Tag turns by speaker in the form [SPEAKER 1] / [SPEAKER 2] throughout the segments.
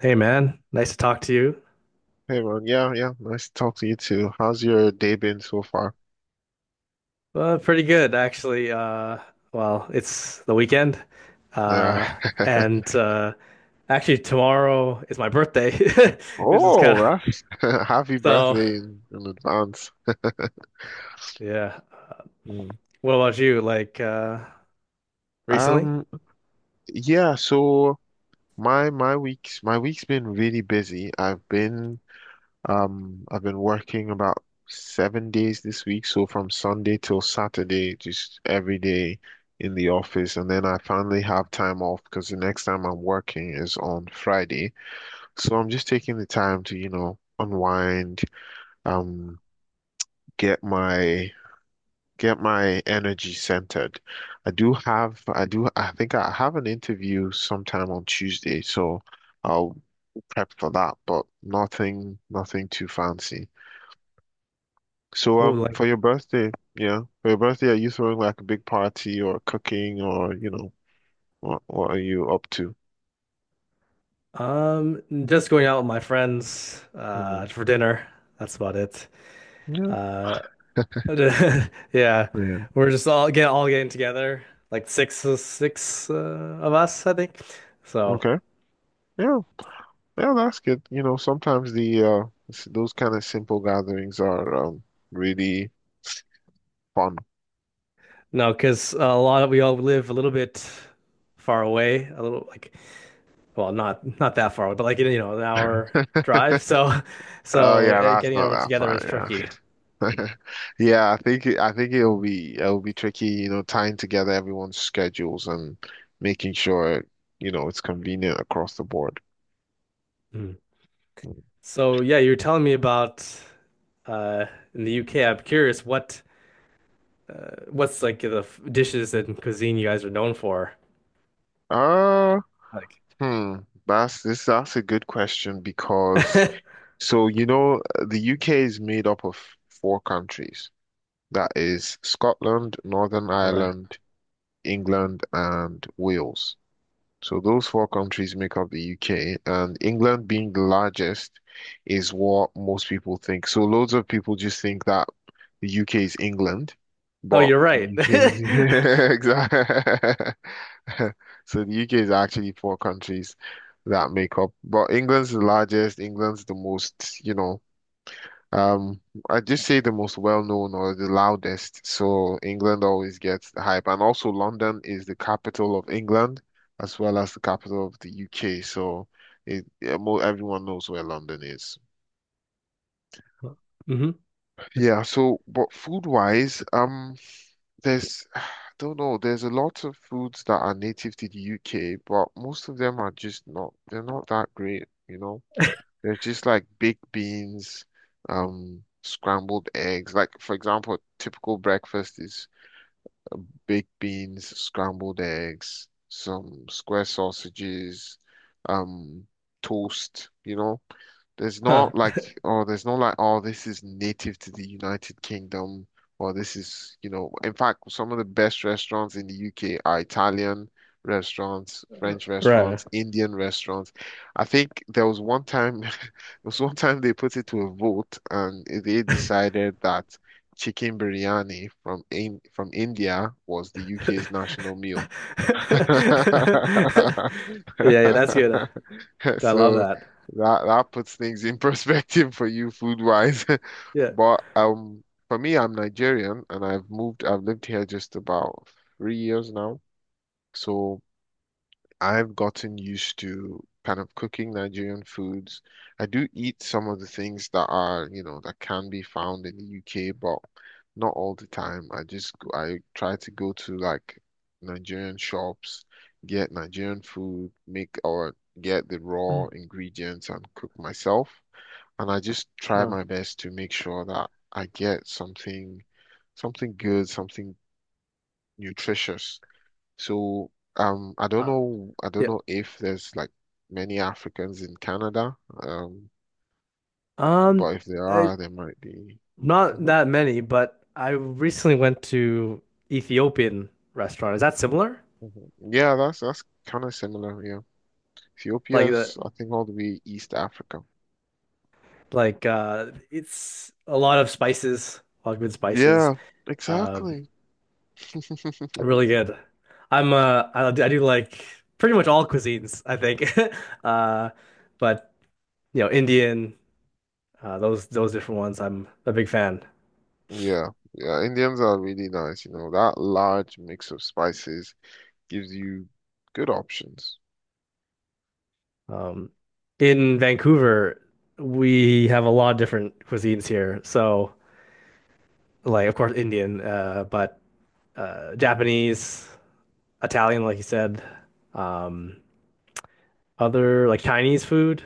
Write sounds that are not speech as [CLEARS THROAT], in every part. [SPEAKER 1] Hey man, nice to talk to you.
[SPEAKER 2] Hey Ron, yeah, yeah, nice to talk to you too. How's your day been so far?
[SPEAKER 1] Pretty good actually. Well, it's the weekend, uh,
[SPEAKER 2] Yeah. [LAUGHS]
[SPEAKER 1] and actually tomorrow is my birthday, [LAUGHS] which is kind
[SPEAKER 2] Oh,
[SPEAKER 1] of
[SPEAKER 2] that's [LAUGHS] happy
[SPEAKER 1] so.
[SPEAKER 2] birthday in advance. [LAUGHS]
[SPEAKER 1] Yeah.
[SPEAKER 2] Mm.
[SPEAKER 1] What about you? Like recently?
[SPEAKER 2] Um, yeah, so my week's been really busy. I've been working about 7 days this week, so from Sunday till Saturday, just every day in the office, and then I finally have time off because the next time I'm working is on Friday. So I'm just taking the time to, you know, unwind, um, get my get my energy centered. I do have I do I think I have an interview sometime on Tuesday, so I'll prep for that, but nothing too fancy. So
[SPEAKER 1] Oh, like
[SPEAKER 2] for your birthday, yeah, for your birthday, are you throwing like a big party or cooking or, you know, what are you up to?
[SPEAKER 1] just going out with my friends
[SPEAKER 2] Hmm.
[SPEAKER 1] for dinner. That's about it.
[SPEAKER 2] Yeah.
[SPEAKER 1] Uh, [LAUGHS] yeah,
[SPEAKER 2] Yeah.
[SPEAKER 1] we're just all getting together, like six of us, I think. So.
[SPEAKER 2] Okay. Yeah. Yeah, that's good. You know, sometimes the those kind of simple gatherings are really fun.
[SPEAKER 1] No, because a lot of we all live a little bit far away, a little like well, not that far away, but like you know, an hour
[SPEAKER 2] [LAUGHS]
[SPEAKER 1] drive. So, [LAUGHS]
[SPEAKER 2] Oh
[SPEAKER 1] so
[SPEAKER 2] yeah, that's
[SPEAKER 1] getting
[SPEAKER 2] not
[SPEAKER 1] everyone
[SPEAKER 2] that
[SPEAKER 1] together is tricky.
[SPEAKER 2] fun. Yeah, [LAUGHS] yeah. I think it'll be tricky. You know, tying together everyone's schedules and making sure you know it's convenient across the board.
[SPEAKER 1] Mm. So yeah, you were telling me about uh in the UK. I'm curious what what's like the dishes and cuisine you guys are known for.
[SPEAKER 2] Uh,
[SPEAKER 1] Like,
[SPEAKER 2] hmm. That's this. That's a good question because so you know the UK is made up of four countries. That is Scotland,
[SPEAKER 1] [LAUGHS]
[SPEAKER 2] Northern
[SPEAKER 1] all right.
[SPEAKER 2] Ireland, England, and Wales. So those four countries make up the UK, and England being the largest is what most people think. So loads of people just think that the UK is England,
[SPEAKER 1] Oh,
[SPEAKER 2] but
[SPEAKER 1] you're
[SPEAKER 2] the
[SPEAKER 1] right.
[SPEAKER 2] UK is [LAUGHS]
[SPEAKER 1] [LAUGHS]
[SPEAKER 2] yeah, exactly. [LAUGHS] So the UK is actually four countries that make up, but England's the largest, England's the most, you know, um, I just say the most well-known or the loudest, so England always gets the hype. And also London is the capital of England as well as the capital of the UK, so yeah, mo everyone knows where London is.
[SPEAKER 1] Hmm.
[SPEAKER 2] Yeah, so but food-wise, there's [SIGHS] I don't know, there's a lot of foods that are native to the UK, but most of them are just not, they're not that great, you know. There's just like baked beans, scrambled eggs. Like for example, typical breakfast is baked beans, scrambled eggs, some square sausages, um, toast, you know. There's
[SPEAKER 1] Huh.
[SPEAKER 2] not like, oh, there's not like, oh, this is native to the United Kingdom, or this is, you know, in fact, some of the best restaurants in the UK are Italian restaurants, French
[SPEAKER 1] Right.
[SPEAKER 2] restaurants, Indian restaurants. I think there was one time, [LAUGHS] there was one time they put it to a vote, and they decided that chicken biryani from India was the UK's national meal. [LAUGHS]
[SPEAKER 1] [LAUGHS] Yeah, yeah, that's good.
[SPEAKER 2] [LAUGHS]
[SPEAKER 1] I love
[SPEAKER 2] So
[SPEAKER 1] that.
[SPEAKER 2] that puts things in [LAUGHS] perspective for you food wise. [LAUGHS]
[SPEAKER 1] Yeah.
[SPEAKER 2] But for me, I'm Nigerian and I've lived here just about 3 years now. So I've gotten used to kind of cooking Nigerian foods. I do eat some of the things that are, you know, that can be found in the UK, but not all the time. I try to go to like Nigerian shops, get Nigerian food, make or get the raw
[SPEAKER 1] [CLEARS THROAT]
[SPEAKER 2] ingredients and cook myself. And I just try
[SPEAKER 1] Mm.
[SPEAKER 2] my best to make sure that I get something good, something nutritious so I
[SPEAKER 1] Uh,
[SPEAKER 2] don't
[SPEAKER 1] uh,
[SPEAKER 2] know. I don't
[SPEAKER 1] yeah.
[SPEAKER 2] know if there's like many Africans in Canada. Um,
[SPEAKER 1] Um,
[SPEAKER 2] but if there
[SPEAKER 1] uh,
[SPEAKER 2] are, there might be.
[SPEAKER 1] not
[SPEAKER 2] Hmm.
[SPEAKER 1] that many, but I recently went to Ethiopian restaurant. Is that similar?
[SPEAKER 2] Hmm. Yeah, that's kind of similar. Yeah,
[SPEAKER 1] Like the
[SPEAKER 2] Ethiopia's I think all the way East Africa.
[SPEAKER 1] like it's a lot of spices, a lot of good spices.
[SPEAKER 2] Yeah,
[SPEAKER 1] Um,
[SPEAKER 2] exactly. [LAUGHS]
[SPEAKER 1] really good. I do like pretty much all cuisines, I think. [LAUGHS] Uh, but you know, Indian. Those different ones, I'm a big fan.
[SPEAKER 2] Yeah, yeah. Indians are really nice. You know, that large mix of spices gives you good options.
[SPEAKER 1] Um, in Vancouver, we have a lot of different cuisines here. So, like, of course, Indian, but Japanese, Italian, like you said, um, other like Chinese food,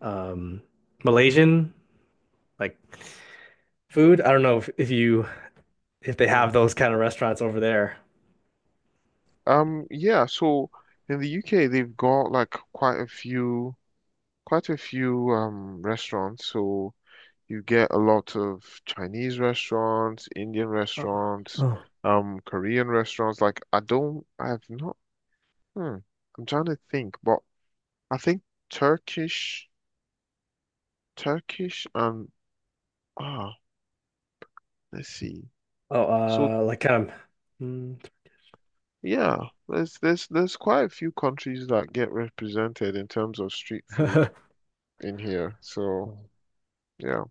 [SPEAKER 1] um, Malaysian, like food. I don't know if you if they
[SPEAKER 2] Mm.
[SPEAKER 1] have those kind of restaurants over there.
[SPEAKER 2] Yeah. So in the UK, they've got like quite a few restaurants. So you get a lot of Chinese restaurants, Indian
[SPEAKER 1] Oh,
[SPEAKER 2] restaurants,
[SPEAKER 1] oh,
[SPEAKER 2] Korean restaurants. I have not. Hmm, I'm trying to think, but I think Turkish, Turkish, and ah, let's see. So
[SPEAKER 1] oh, like kind of. Mm,
[SPEAKER 2] yeah, there's quite a few countries that get represented in terms of street food
[SPEAKER 1] [LAUGHS]
[SPEAKER 2] in here. So yeah,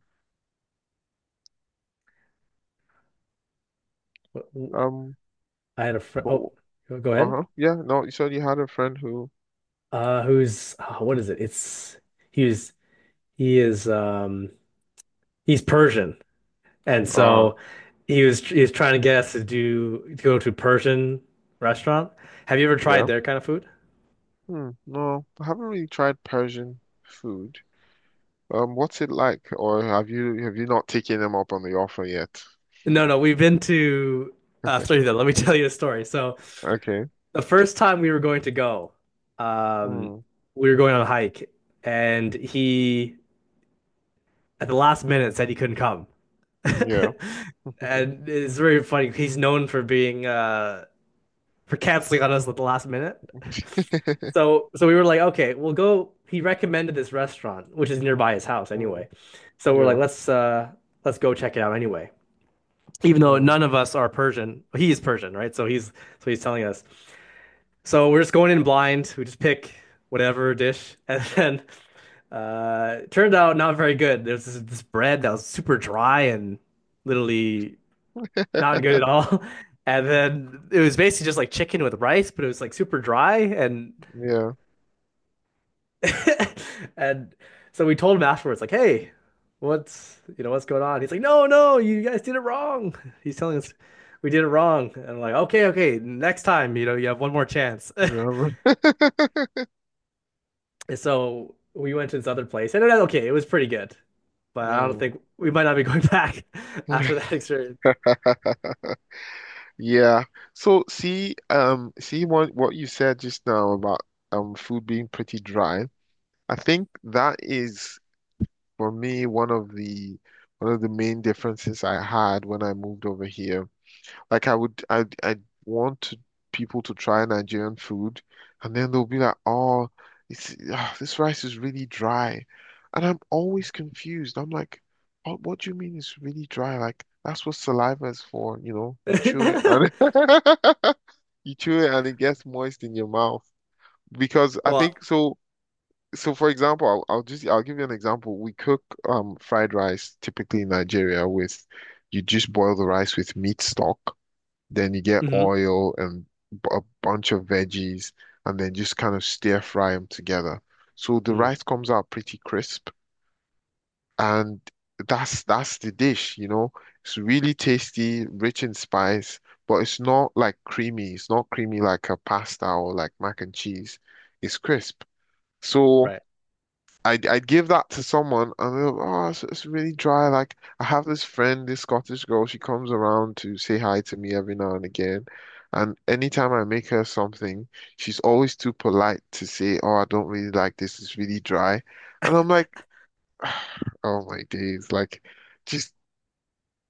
[SPEAKER 2] um,
[SPEAKER 1] I had a friend.
[SPEAKER 2] but,
[SPEAKER 1] Oh, go ahead.
[SPEAKER 2] uh-huh, yeah. No, you said you had a friend who,
[SPEAKER 1] What is it? It's he was he is um he's Persian, and
[SPEAKER 2] ah,
[SPEAKER 1] so he was trying to get us to go to a Persian restaurant. Have you ever tried
[SPEAKER 2] yeah.
[SPEAKER 1] their kind of food?
[SPEAKER 2] Hmm. No, I haven't really tried Persian food. What's it like? Or have you not taken them up on the offer yet?
[SPEAKER 1] No, no, we've been to sorry then, let me [LAUGHS] tell you a story. So
[SPEAKER 2] Okay.
[SPEAKER 1] the first time we were going to go, um
[SPEAKER 2] Mm.
[SPEAKER 1] we were going on a hike and he at the last minute said he couldn't come. [LAUGHS]
[SPEAKER 2] Yeah.
[SPEAKER 1] And it's very funny. He's known for being for canceling on us at the last minute. [LAUGHS] So we were like, okay, we'll go. He recommended this restaurant, which is nearby his house
[SPEAKER 2] Mm.
[SPEAKER 1] anyway. So we're like,
[SPEAKER 2] Yeah.
[SPEAKER 1] let's go check it out anyway. Even though
[SPEAKER 2] Mm.
[SPEAKER 1] none of us are Persian, he is Persian, right? So he's telling us. So we're just going in blind. We just pick whatever dish, [LAUGHS] and then it turned out not very good. There's this bread that was super dry and literally not good at
[SPEAKER 2] [LAUGHS]
[SPEAKER 1] all. [LAUGHS] And then it was basically just like chicken with rice, but it was like super dry and
[SPEAKER 2] Yeah.
[SPEAKER 1] [LAUGHS] and so we told him afterwards, like, hey, what's what's going on? He's like, no, no, you guys did it wrong. [LAUGHS] He's telling us we did it wrong. And I'm like, okay, okay, next time, you have one more chance. [LAUGHS]
[SPEAKER 2] Yeah. [LAUGHS]
[SPEAKER 1] And so we went to this other place, and it was okay. It was pretty good, but I don't
[SPEAKER 2] Mm.
[SPEAKER 1] think we might not be going back [LAUGHS] after that experience.
[SPEAKER 2] [LAUGHS] Yeah. So see, see what you said just now about food being pretty dry. I think that is for me one of the main differences I had when I moved over here. Like I would, I want to, people to try Nigerian food, and then they'll be like, "Oh, it's this rice is really dry," and I'm always confused. I'm like, oh, "What do you mean it's really dry? Like that's what saliva is for, you know? You chew it
[SPEAKER 1] [LAUGHS]
[SPEAKER 2] and [LAUGHS] you chew it and it gets moist in your mouth." Because I
[SPEAKER 1] Well,
[SPEAKER 2] think so. So for example, I'll give you an example. We cook fried rice typically in Nigeria with you just boil the rice with meat stock then you get
[SPEAKER 1] hmm,
[SPEAKER 2] oil and a bunch of veggies, and then just kind of stir fry them together. So the rice comes out pretty crisp, and that's the dish, you know. It's really tasty, rich in spice, but it's not like creamy. It's not creamy like a pasta or like mac and cheese. It's crisp. So
[SPEAKER 1] right.
[SPEAKER 2] I'd give that to someone and they're like, it's really dry. Like, I have this friend, this Scottish girl, she comes around to say hi to me every now and again. And anytime I make her something, she's always too polite to say, oh, I don't really like this. It's really dry. And I'm like, [SIGHS] oh my days. Like, just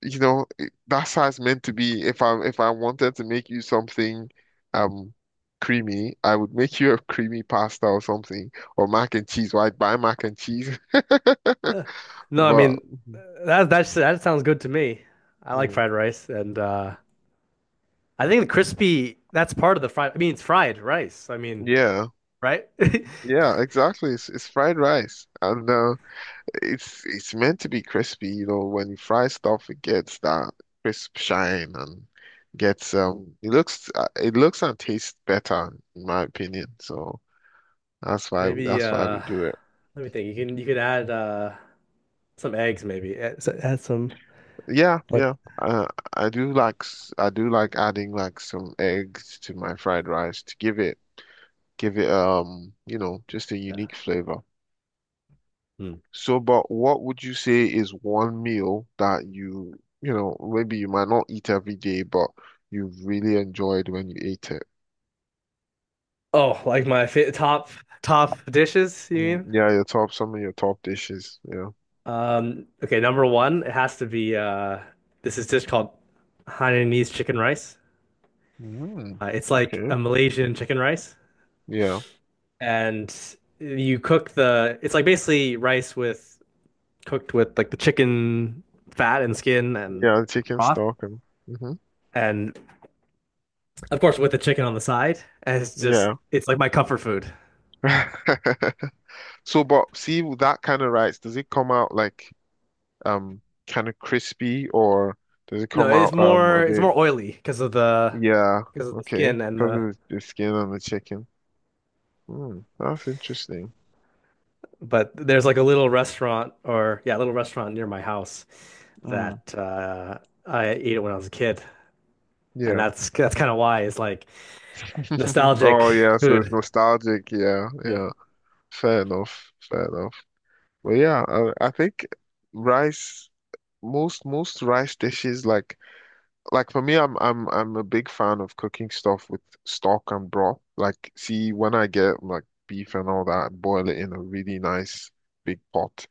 [SPEAKER 2] you know, that's how it's meant to be. If I wanted to make you something um creamy, I would make you a creamy pasta or something, or mac and cheese. Why buy mac and cheese? [LAUGHS]
[SPEAKER 1] No, I
[SPEAKER 2] But
[SPEAKER 1] mean that's that sounds good to me. I like
[SPEAKER 2] mm,
[SPEAKER 1] fried rice and I think the crispy that's part of the fried I mean it's fried rice. I mean,
[SPEAKER 2] yeah,
[SPEAKER 1] right?
[SPEAKER 2] yeah, exactly. It's fried rice, and it's meant to be crispy. You know, when you fry stuff, it gets that crisp shine and gets it looks and tastes better, in my opinion. So
[SPEAKER 1] [LAUGHS] Maybe
[SPEAKER 2] that's why we do it.
[SPEAKER 1] let me think. You can you could add some eggs maybe. Add, add some
[SPEAKER 2] Yeah,
[SPEAKER 1] like
[SPEAKER 2] yeah. I do like adding like some eggs to my fried rice to give it you know, just a
[SPEAKER 1] yeah.
[SPEAKER 2] unique flavor.
[SPEAKER 1] Hmm.
[SPEAKER 2] So, but what would you say is one meal that you know, maybe you might not eat every day, but you really enjoyed when you ate it?
[SPEAKER 1] Oh, like my fa top dishes, you
[SPEAKER 2] Mm,
[SPEAKER 1] mean?
[SPEAKER 2] yeah, your top, some of your top dishes. Yeah.
[SPEAKER 1] Okay, number one, it has to be this is dish called Hainanese chicken rice.
[SPEAKER 2] Mm,
[SPEAKER 1] It's like
[SPEAKER 2] okay.
[SPEAKER 1] a Malaysian chicken rice.
[SPEAKER 2] Yeah.
[SPEAKER 1] And you cook the it's like basically rice with cooked with like the chicken fat and skin and
[SPEAKER 2] Yeah, chicken
[SPEAKER 1] broth
[SPEAKER 2] stock and hmm.
[SPEAKER 1] and of course with the chicken on the side and it's just
[SPEAKER 2] Yeah.
[SPEAKER 1] it's like my comfort food.
[SPEAKER 2] [LAUGHS] So, but see with that kind of rice, does it come out like um kind of crispy or does it
[SPEAKER 1] No
[SPEAKER 2] come out a
[SPEAKER 1] it's
[SPEAKER 2] bit?
[SPEAKER 1] more oily
[SPEAKER 2] Yeah,
[SPEAKER 1] because of the
[SPEAKER 2] okay,
[SPEAKER 1] skin and
[SPEAKER 2] because
[SPEAKER 1] the
[SPEAKER 2] of the skin on the chicken. Hmm, that's interesting.
[SPEAKER 1] but there's like a little restaurant or yeah a little restaurant near my house
[SPEAKER 2] Mm,
[SPEAKER 1] that I ate it when I was a kid and
[SPEAKER 2] yeah.
[SPEAKER 1] that's kind of why it's like
[SPEAKER 2] [LAUGHS]
[SPEAKER 1] nostalgic
[SPEAKER 2] Oh yeah, so it's
[SPEAKER 1] food,
[SPEAKER 2] nostalgic. Yeah,
[SPEAKER 1] yeah.
[SPEAKER 2] yeah. Fair enough. Fair enough. But yeah, I think rice. Most rice dishes like for me, I'm a big fan of cooking stuff with stock and broth. Like, see, when I get like beef and all that, I boil it in a really nice big pot,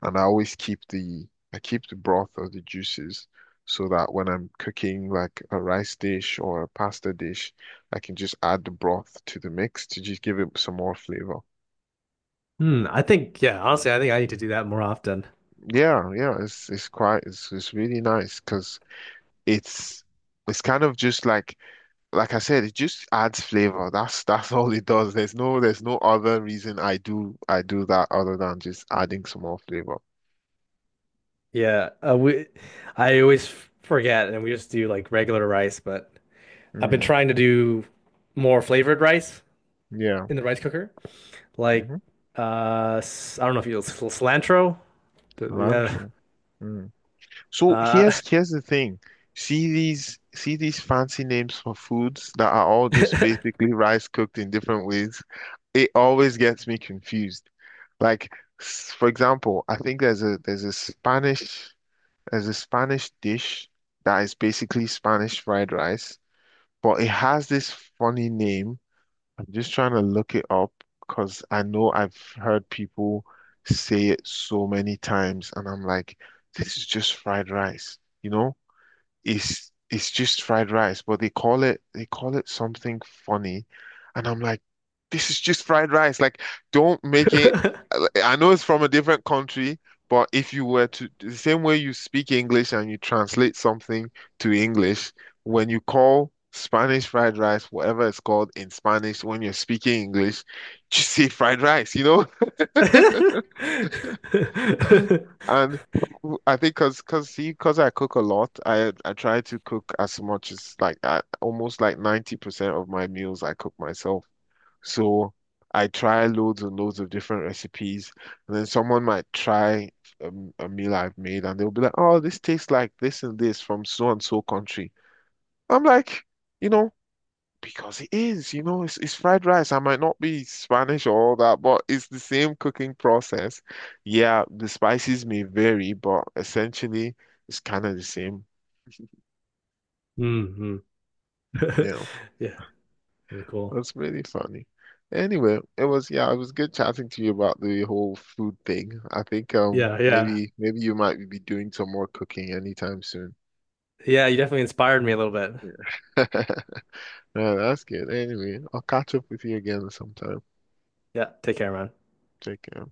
[SPEAKER 2] and I always keep the I keep the broth or the juices so that when I'm cooking like a rice dish or a pasta dish, I can just add the broth to the mix to just give it some more flavor.
[SPEAKER 1] Hmm, I think yeah, honestly, I think I need to do that more often.
[SPEAKER 2] Yeah, yeah, it's really nice because it's it's kind of just like I said, it just adds flavor. That's all it does. There's no other reason I do that other than just adding some more flavor.
[SPEAKER 1] Yeah, we I always forget and we just do like regular rice, but I've been
[SPEAKER 2] Mm,
[SPEAKER 1] trying to do more flavored rice
[SPEAKER 2] yeah.
[SPEAKER 1] in the rice cooker. Like
[SPEAKER 2] Hmm.
[SPEAKER 1] I don't know if you cilantro. The,
[SPEAKER 2] Cilantro. Mm. So
[SPEAKER 1] uh, uh
[SPEAKER 2] here's the thing. See these fancy names for foods that are all just basically rice cooked in different ways. It always gets me confused. Like for example, I think there's a Spanish dish that is basically Spanish fried rice, but it has this funny name. I'm just trying to look it up because I know I've heard people say it so many times, and I'm like, this is just fried rice, you know? It's just fried rice, but they call it something funny, and I'm like, this is just fried rice. Like, don't make it. I know it's from a different country, but if you were to the same way you speak English and you translate something to English, when you call Spanish fried rice, whatever it's called in Spanish, when you're speaking English, just say fried rice, you know? And I think cause cause see, cause I cook a lot, I try to cook as much as like almost like 90% of my meals I cook myself. So I try loads and loads of different recipes. And then someone might try a, a meal I've made and they'll be like, oh, this tastes like this and this from so and so country. I'm like, you know, because it is, you know, it's fried rice. I might not be Spanish or all that, but it's the same cooking process. Yeah, the spices may vary, but essentially it's kind of the same. [LAUGHS]
[SPEAKER 1] [LAUGHS] hmm
[SPEAKER 2] Yeah,
[SPEAKER 1] [LAUGHS] Yeah, pretty cool.
[SPEAKER 2] that's really funny. Anyway, it was yeah, it was good chatting to you about the whole food thing. I think
[SPEAKER 1] Yeah, yeah.
[SPEAKER 2] maybe you might be doing some more cooking anytime soon.
[SPEAKER 1] Yeah, you definitely inspired me a little bit.
[SPEAKER 2] Yeah. [LAUGHS] Yeah, that's good. Anyway, I'll catch up with you again sometime.
[SPEAKER 1] Yeah, take care, man.
[SPEAKER 2] Take care.